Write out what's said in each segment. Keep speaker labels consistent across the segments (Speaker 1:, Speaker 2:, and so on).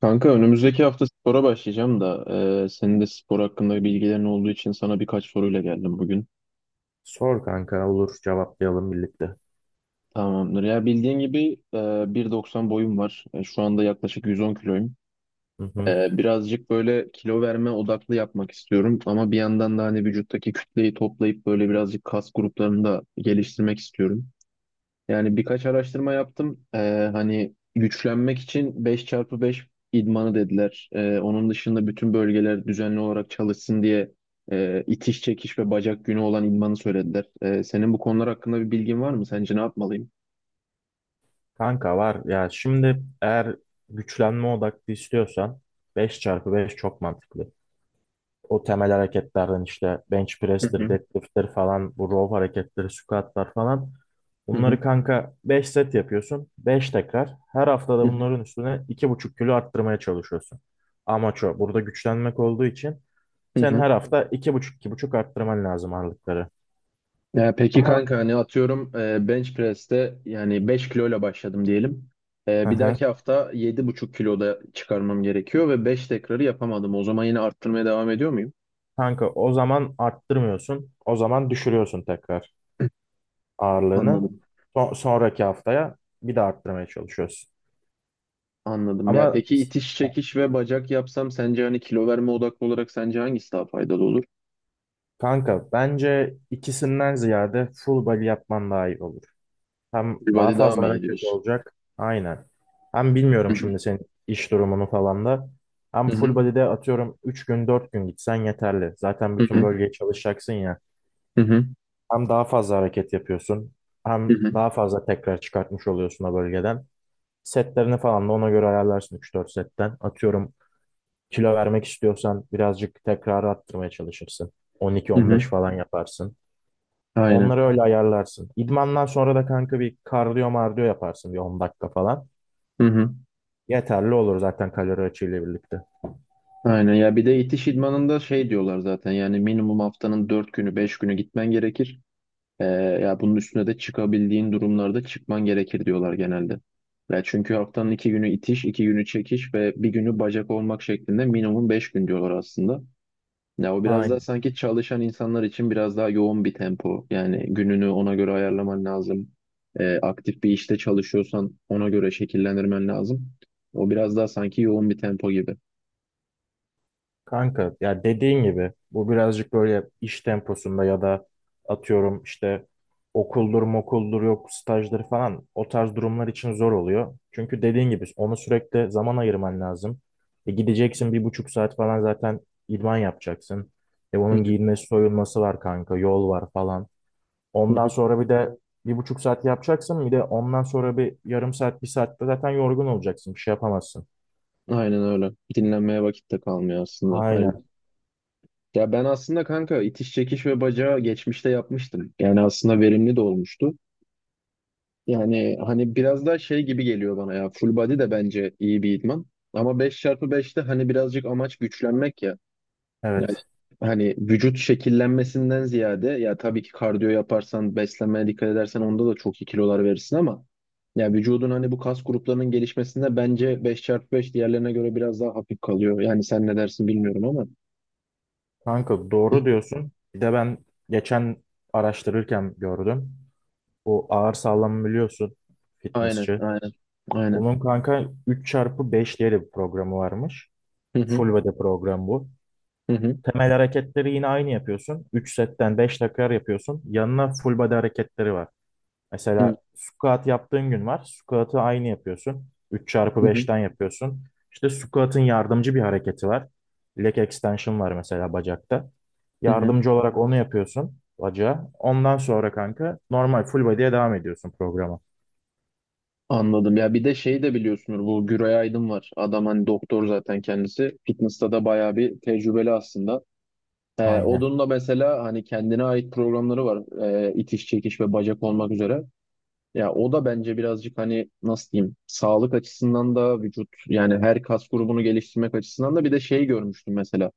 Speaker 1: Kanka önümüzdeki hafta spora başlayacağım da senin de spor hakkında bilgilerin olduğu için sana birkaç soruyla geldim bugün.
Speaker 2: Sor kanka olur cevaplayalım birlikte.
Speaker 1: Tamamdır. Ya bildiğin gibi 1,90 boyum var. Şu anda yaklaşık 110 kiloyum.
Speaker 2: Hı hı.
Speaker 1: Birazcık böyle kilo verme odaklı yapmak istiyorum ama bir yandan da hani vücuttaki kütleyi toplayıp böyle birazcık kas gruplarını da geliştirmek istiyorum. Yani birkaç araştırma yaptım. Hani güçlenmek için 5x5 idmanı dediler. Onun dışında bütün bölgeler düzenli olarak çalışsın diye itiş çekiş ve bacak günü olan idmanı söylediler. Senin bu konular hakkında bir bilgin var mı? Sence ne yapmalıyım?
Speaker 2: Kanka var ya şimdi eğer güçlenme odaklı istiyorsan 5x5 çok mantıklı. O temel hareketlerden işte bench
Speaker 1: Hı
Speaker 2: press'tir,
Speaker 1: hı.
Speaker 2: deadlift'tir falan bu row hareketleri, squat'lar falan.
Speaker 1: Hı hı.
Speaker 2: Bunları kanka 5 set yapıyorsun. 5 tekrar. Her haftada
Speaker 1: Hı hı.
Speaker 2: bunların üstüne 2,5 kilo arttırmaya çalışıyorsun. Amaç o. Burada güçlenmek olduğu için
Speaker 1: Hı
Speaker 2: sen
Speaker 1: hı.
Speaker 2: her hafta 2,5-2,5 arttırman lazım ağırlıkları.
Speaker 1: Ya peki
Speaker 2: Ama
Speaker 1: kanka hani atıyorum bench press'te yani 5 kiloyla başladım diyelim.
Speaker 2: hı
Speaker 1: Bir
Speaker 2: hı.
Speaker 1: dahaki hafta 7,5 kiloda çıkarmam gerekiyor ve 5 tekrarı yapamadım. O zaman yine arttırmaya devam ediyor muyum?
Speaker 2: Kanka o zaman arttırmıyorsun. O zaman düşürüyorsun tekrar ağırlığını.
Speaker 1: Anladım.
Speaker 2: Sonraki haftaya bir de arttırmaya çalışıyorsun.
Speaker 1: Anladım. Ya
Speaker 2: Ama
Speaker 1: peki itiş çekiş ve bacak yapsam sence hani kilo verme odaklı olarak sence hangisi daha faydalı olur?
Speaker 2: kanka bence ikisinden ziyade full body yapman daha iyi olur. Hem daha
Speaker 1: Beachbody daha
Speaker 2: fazla
Speaker 1: mı iyi
Speaker 2: hareket
Speaker 1: diyorsun?
Speaker 2: olacak. Aynen. Hem
Speaker 1: Hı
Speaker 2: bilmiyorum
Speaker 1: hı.
Speaker 2: şimdi senin iş durumunu falan da. Hem
Speaker 1: Hı hı.
Speaker 2: full body'de atıyorum 3 gün 4 gün gitsen yeterli. Zaten
Speaker 1: Hı
Speaker 2: bütün
Speaker 1: hı.
Speaker 2: bölgeye çalışacaksın ya.
Speaker 1: Hı hı.
Speaker 2: Hem daha fazla hareket yapıyorsun.
Speaker 1: Hı
Speaker 2: Hem
Speaker 1: hı.
Speaker 2: daha fazla tekrar çıkartmış oluyorsun o bölgeden. Setlerini falan da ona göre ayarlarsın üç dört setten. Atıyorum kilo vermek istiyorsan birazcık tekrar arttırmaya çalışırsın. 12-15
Speaker 1: Hı.
Speaker 2: falan yaparsın.
Speaker 1: Aynen.
Speaker 2: Onları öyle ayarlarsın. İdmandan sonra da kanka bir kardiyo mardiyo yaparsın bir 10 dakika falan.
Speaker 1: Hı hı.
Speaker 2: Yeterli olur zaten kalori açığıyla birlikte.
Speaker 1: Aynen. Ya bir de itiş idmanında şey diyorlar zaten yani minimum haftanın 4 günü 5 günü gitmen gerekir. Ee, ya bunun üstüne de çıkabildiğin durumlarda çıkman gerekir diyorlar genelde. Ya çünkü haftanın 2 günü itiş, 2 günü çekiş ve bir günü bacak olmak şeklinde minimum 5 gün diyorlar aslında. Ya o biraz daha
Speaker 2: Aynen.
Speaker 1: sanki çalışan insanlar için biraz daha yoğun bir tempo. Yani gününü ona göre ayarlaman lazım. Aktif bir işte çalışıyorsan ona göre şekillendirmen lazım. O biraz daha sanki yoğun bir tempo gibi.
Speaker 2: Kanka ya dediğin gibi bu birazcık böyle iş temposunda ya da atıyorum işte okuldur mokuldur yok stajdır falan o tarz durumlar için zor oluyor. Çünkü dediğin gibi onu sürekli zaman ayırman lazım. E gideceksin 1,5 saat falan zaten idman yapacaksın. E
Speaker 1: Hı
Speaker 2: onun
Speaker 1: hı.
Speaker 2: giyinmesi soyulması var kanka yol var falan.
Speaker 1: Hı
Speaker 2: Ondan
Speaker 1: hı.
Speaker 2: sonra bir de 1,5 saat yapacaksın bir de ondan sonra bir yarım saat bir saatte zaten yorgun olacaksın bir şey yapamazsın.
Speaker 1: Aynen öyle. Dinlenmeye vakit de kalmıyor aslında. Hayır.
Speaker 2: Aynen
Speaker 1: Ya ben aslında kanka itiş çekiş ve bacağı geçmişte yapmıştım. Yani aslında verimli de olmuştu. Yani hani biraz daha şey gibi geliyor bana ya. Full body de bence iyi bir idman. Ama 5x5'te hani birazcık amaç güçlenmek ya. Yani
Speaker 2: evet.
Speaker 1: hani vücut şekillenmesinden ziyade ya tabii ki kardiyo yaparsan, beslenmeye dikkat edersen onda da çok iyi kilolar verirsin ama ya vücudun hani bu kas gruplarının gelişmesinde bence 5x5 diğerlerine göre biraz daha hafif kalıyor. Yani sen ne dersin bilmiyorum ama.
Speaker 2: Kanka doğru diyorsun. Bir de ben geçen araştırırken gördüm. Bu ağır sağlam biliyorsun
Speaker 1: Aynen,
Speaker 2: fitnessçi.
Speaker 1: aynen, aynen.
Speaker 2: Bunun kanka 3 çarpı 5 diye de bir programı varmış.
Speaker 1: Hı hı,
Speaker 2: Full body program bu.
Speaker 1: hı hı,
Speaker 2: Temel hareketleri yine aynı yapıyorsun. 3 setten 5 tekrar yapıyorsun. Yanına full body hareketleri var.
Speaker 1: hı
Speaker 2: Mesela squat yaptığın gün var. Squat'ı aynı yapıyorsun. üç çarpı
Speaker 1: hı,
Speaker 2: beşten yapıyorsun. İşte squat'ın yardımcı bir hareketi var. Leg extension var mesela bacakta.
Speaker 1: hı hı.
Speaker 2: Yardımcı olarak onu yapıyorsun bacağa. Ondan sonra kanka normal full body'ye devam ediyorsun programa.
Speaker 1: Anladım. Ya bir de şey de biliyorsunuz bu Güray Aydın var. Adam hani doktor zaten kendisi. Fitness'ta da bayağı bir tecrübeli aslında. Ee,
Speaker 2: Aynen.
Speaker 1: da mesela hani kendine ait programları var. İtiş, çekiş ve bacak olmak üzere. Ya o da bence birazcık hani nasıl diyeyim sağlık açısından da vücut yani her kas grubunu geliştirmek açısından da bir de şey görmüştüm mesela.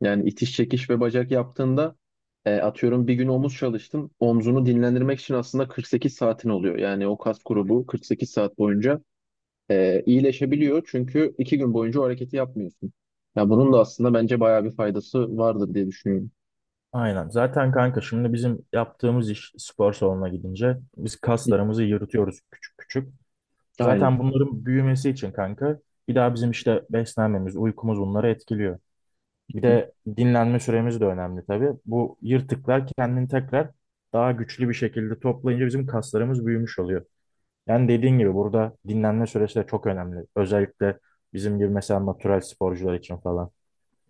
Speaker 1: Yani itiş, çekiş ve bacak yaptığında atıyorum bir gün omuz çalıştın. Omzunu dinlendirmek için aslında 48 saatin oluyor. Yani o kas grubu 48 saat boyunca iyileşebiliyor. Çünkü iki gün boyunca o hareketi yapmıyorsun. Ya bunun da aslında bence bayağı bir faydası vardır diye düşünüyorum.
Speaker 2: Aynen. Zaten kanka şimdi bizim yaptığımız iş spor salonuna gidince biz kaslarımızı yırtıyoruz küçük küçük.
Speaker 1: Aynen.
Speaker 2: Zaten bunların büyümesi için kanka bir daha bizim işte beslenmemiz, uykumuz bunları etkiliyor. Bir
Speaker 1: Hı.
Speaker 2: de dinlenme süremiz de önemli tabii. Bu yırtıklar kendini tekrar daha güçlü bir şekilde toplayınca bizim kaslarımız büyümüş oluyor. Yani dediğin gibi burada dinlenme süresi de çok önemli. Özellikle bizim gibi mesela natural sporcular için falan.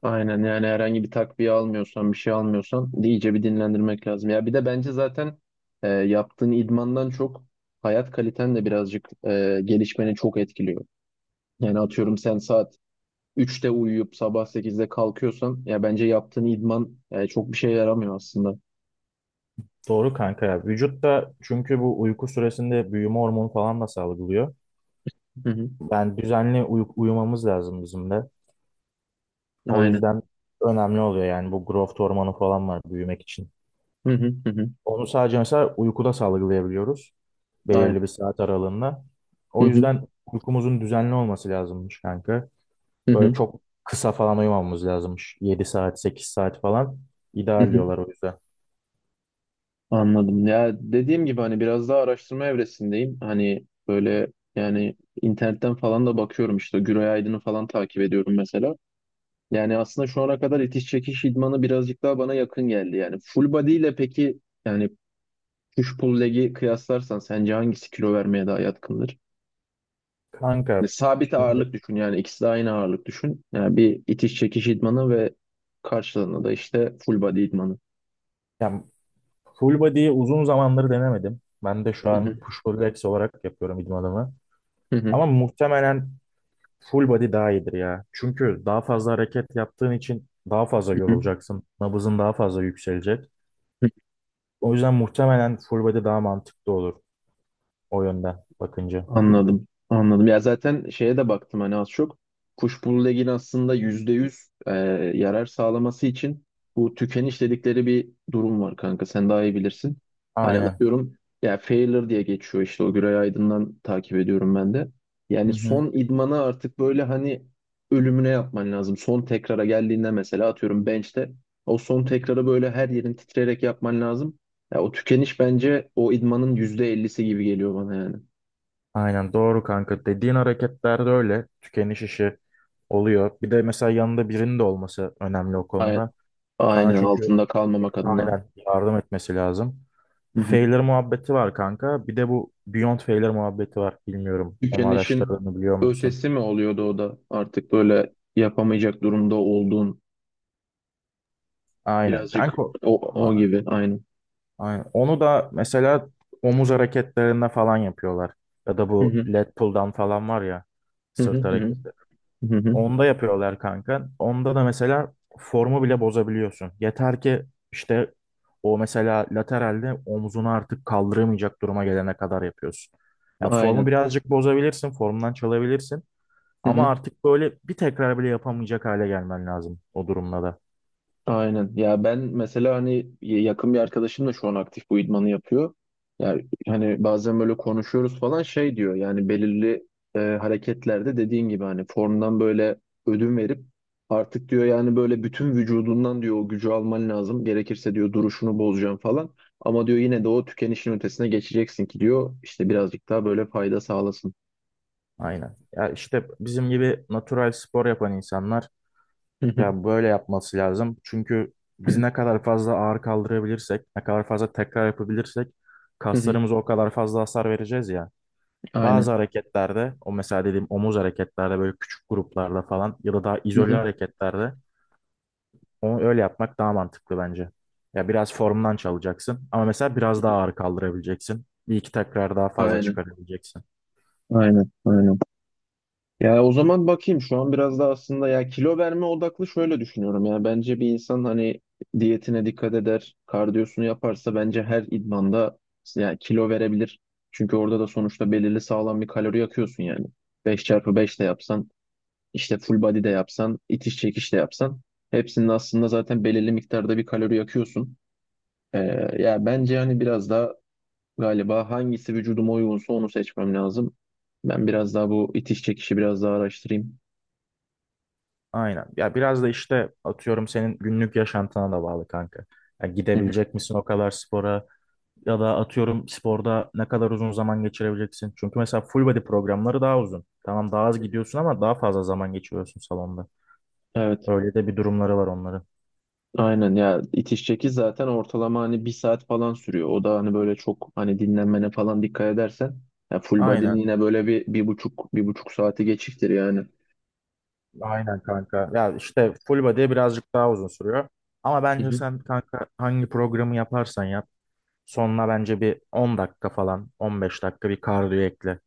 Speaker 1: Aynen yani herhangi bir takviye almıyorsan bir şey almıyorsan iyice bir dinlendirmek lazım. Ya bir de bence zaten yaptığın idmandan çok hayat kaliten de birazcık gelişmeni çok etkiliyor. Yani atıyorum sen saat üçte uyuyup sabah sekizde kalkıyorsan ya bence yaptığın idman çok bir şey yaramıyor aslında.
Speaker 2: Doğru kanka ya. Vücut da çünkü bu uyku süresinde büyüme hormonu falan da salgılıyor.
Speaker 1: Hı hı.
Speaker 2: Yani düzenli uyumamız lazım bizim de. O
Speaker 1: Aynen.
Speaker 2: yüzden önemli oluyor yani bu growth hormonu falan var büyümek için.
Speaker 1: Hı hı hı hı.
Speaker 2: Onu sadece mesela uykuda salgılayabiliyoruz.
Speaker 1: Aynen.
Speaker 2: Belirli bir saat aralığında.
Speaker 1: Hı
Speaker 2: O
Speaker 1: hı
Speaker 2: yüzden uykumuzun düzenli olması lazımmış kanka.
Speaker 1: hı
Speaker 2: Böyle
Speaker 1: hı.
Speaker 2: çok kısa falan uyumamamız lazımmış. 7 saat, 8 saat falan
Speaker 1: Hı
Speaker 2: ideal
Speaker 1: hı.
Speaker 2: diyorlar o yüzden.
Speaker 1: Anladım. Ya dediğim gibi hani biraz daha araştırma evresindeyim. Hani böyle yani internetten falan da bakıyorum işte Güray Aydın'ı falan takip ediyorum mesela. Yani aslında şu ana kadar itiş çekiş idmanı birazcık daha bana yakın geldi. Yani full body ile peki yani push pull leg'i kıyaslarsan sence hangisi kilo vermeye daha yatkındır? Ve
Speaker 2: Kanka
Speaker 1: sabit
Speaker 2: şimdi
Speaker 1: ağırlık düşün yani ikisi de aynı ağırlık düşün. Yani bir itiş çekiş idmanı ve karşılığında da işte full body idmanı.
Speaker 2: yani full body'yi uzun zamandır denemedim. Ben de şu
Speaker 1: Hı
Speaker 2: an
Speaker 1: hı.
Speaker 2: push pull legs olarak yapıyorum idmanımı.
Speaker 1: Hı hı.
Speaker 2: Ama muhtemelen full body daha iyidir ya. Çünkü daha fazla hareket yaptığın için daha fazla
Speaker 1: Hı hı.
Speaker 2: yorulacaksın. Nabızın daha fazla yükselecek. O yüzden muhtemelen full body daha mantıklı olur o yönden bakınca.
Speaker 1: Anladım. Anladım. Ya zaten şeye de baktım hani az çok. Kuşbulu legin aslında %100 yarar sağlaması için bu tükeniş dedikleri bir durum var kanka. Sen daha iyi bilirsin. Hani
Speaker 2: Aynen.
Speaker 1: atıyorum ya Failure diye geçiyor işte o Güray Aydın'dan takip ediyorum ben de. Yani
Speaker 2: Hı hı.
Speaker 1: son idmanı artık böyle hani ölümüne yapman lazım. Son tekrara geldiğinde mesela atıyorum bench'te o son tekrarı böyle her yerin titreyerek yapman lazım. Ya o tükeniş bence o idmanın %50'si gibi geliyor bana yani.
Speaker 2: Aynen doğru kanka. Dediğin hareketlerde öyle tükeniş işi oluyor. Bir de mesela yanında birinin de olması önemli o konuda. Sana
Speaker 1: Aynen
Speaker 2: çünkü
Speaker 1: altında kalmamak adına.
Speaker 2: aynen yardım etmesi lazım.
Speaker 1: Hı hı.
Speaker 2: Failure muhabbeti var kanka. Bir de bu Beyond Failure muhabbeti var. Bilmiyorum. Onu
Speaker 1: Tükenişin
Speaker 2: araştırdığını biliyor musun?
Speaker 1: ötesi mi oluyordu o da artık böyle yapamayacak durumda olduğun
Speaker 2: Aynen kanka.
Speaker 1: birazcık o, o
Speaker 2: a-
Speaker 1: gibi aynen.
Speaker 2: Aynen. Onu da mesela omuz hareketlerinde falan yapıyorlar. Ya da
Speaker 1: Hı
Speaker 2: bu
Speaker 1: hı.
Speaker 2: lat pull'dan falan var ya
Speaker 1: Hı hı.
Speaker 2: sırt
Speaker 1: Hı hı.
Speaker 2: hareketi.
Speaker 1: Hı hı.
Speaker 2: Onda yapıyorlar kanka. Onda da mesela formu bile bozabiliyorsun. Yeter ki işte o mesela lateralde omzunu artık kaldıramayacak duruma gelene kadar yapıyorsun. Ya formu
Speaker 1: Aynen.
Speaker 2: birazcık bozabilirsin, formdan çalabilirsin.
Speaker 1: Hı
Speaker 2: Ama
Speaker 1: hı.
Speaker 2: artık böyle bir tekrar bile yapamayacak hale gelmen lazım o durumda da.
Speaker 1: Aynen. Ya ben mesela hani yakın bir arkadaşım da şu an aktif bu idmanı yapıyor. Yani hani bazen böyle konuşuyoruz falan şey diyor yani belirli hareketlerde dediğin gibi hani formdan böyle ödün verip artık diyor yani böyle bütün vücudundan diyor o gücü alman lazım. Gerekirse diyor duruşunu bozacaksın falan. Ama diyor yine de o tükenişin ötesine geçeceksin ki diyor işte birazcık daha böyle fayda sağlasın.
Speaker 2: Aynen. Ya işte bizim gibi natural spor yapan insanlar
Speaker 1: Hı hı,
Speaker 2: ya böyle yapması lazım. Çünkü biz ne kadar fazla ağır kaldırabilirsek, ne kadar fazla tekrar yapabilirsek
Speaker 1: hı hı.
Speaker 2: kaslarımıza o kadar fazla hasar vereceğiz ya. Bazı
Speaker 1: Aynen.
Speaker 2: hareketlerde, o mesela dediğim omuz hareketlerde böyle küçük gruplarla falan ya da daha
Speaker 1: Hı
Speaker 2: izole
Speaker 1: hı.
Speaker 2: hareketlerde onu öyle yapmak daha mantıklı bence. Ya biraz formdan çalacaksın ama mesela biraz daha ağır kaldırabileceksin. Bir iki tekrar daha fazla
Speaker 1: Aynen.
Speaker 2: çıkarabileceksin.
Speaker 1: Aynen. Aynen. Ya o zaman bakayım şu an biraz da aslında ya kilo verme odaklı şöyle düşünüyorum ya bence bir insan hani diyetine dikkat eder, kardiyosunu yaparsa bence her idmanda ya kilo verebilir. Çünkü orada da sonuçta belirli sağlam bir kalori yakıyorsun yani. Beş çarpı 5 de yapsan, işte full body de yapsan, itiş çekiş de yapsan hepsinin aslında zaten belirli miktarda bir kalori yakıyorsun. Ee, ya bence hani biraz daha galiba hangisi vücuduma uygunsa onu seçmem lazım. Ben biraz daha bu itiş çekişi biraz daha araştırayım.
Speaker 2: Aynen. Ya biraz da işte atıyorum senin günlük yaşantına da bağlı kanka. Ya gidebilecek misin o kadar spora? Ya da atıyorum sporda ne kadar uzun zaman geçirebileceksin. Çünkü mesela full body programları daha uzun. Tamam daha az gidiyorsun ama daha fazla zaman geçiriyorsun salonda.
Speaker 1: Evet,
Speaker 2: Öyle de bir durumları var onların.
Speaker 1: aynen ya itiş çekiş zaten ortalama hani bir saat falan sürüyor. O da hani böyle çok hani dinlenmene falan dikkat edersen ya full body'nin
Speaker 2: Aynen.
Speaker 1: yine böyle bir, bir buçuk bir buçuk saati geçiktir yani.
Speaker 2: Aynen kanka. Ya işte full body birazcık daha uzun sürüyor. Ama
Speaker 1: Hı
Speaker 2: bence
Speaker 1: hı.
Speaker 2: sen kanka hangi programı yaparsan yap. Sonuna bence bir 10 dakika falan 15 dakika bir kardiyo ekle.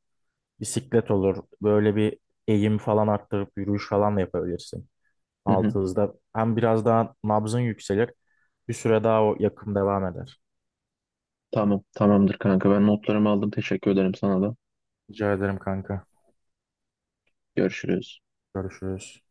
Speaker 2: Bisiklet olur. Böyle bir eğim falan arttırıp yürüyüş falan da yapabilirsin.
Speaker 1: Hı hı.
Speaker 2: Altınızda. Hem biraz daha nabzın yükselir. Bir süre daha o yakım devam eder.
Speaker 1: Tamam, tamamdır kanka ben notlarımı aldım teşekkür ederim sana da.
Speaker 2: Rica ederim kanka.
Speaker 1: Görüşürüz.
Speaker 2: Görüşürüz.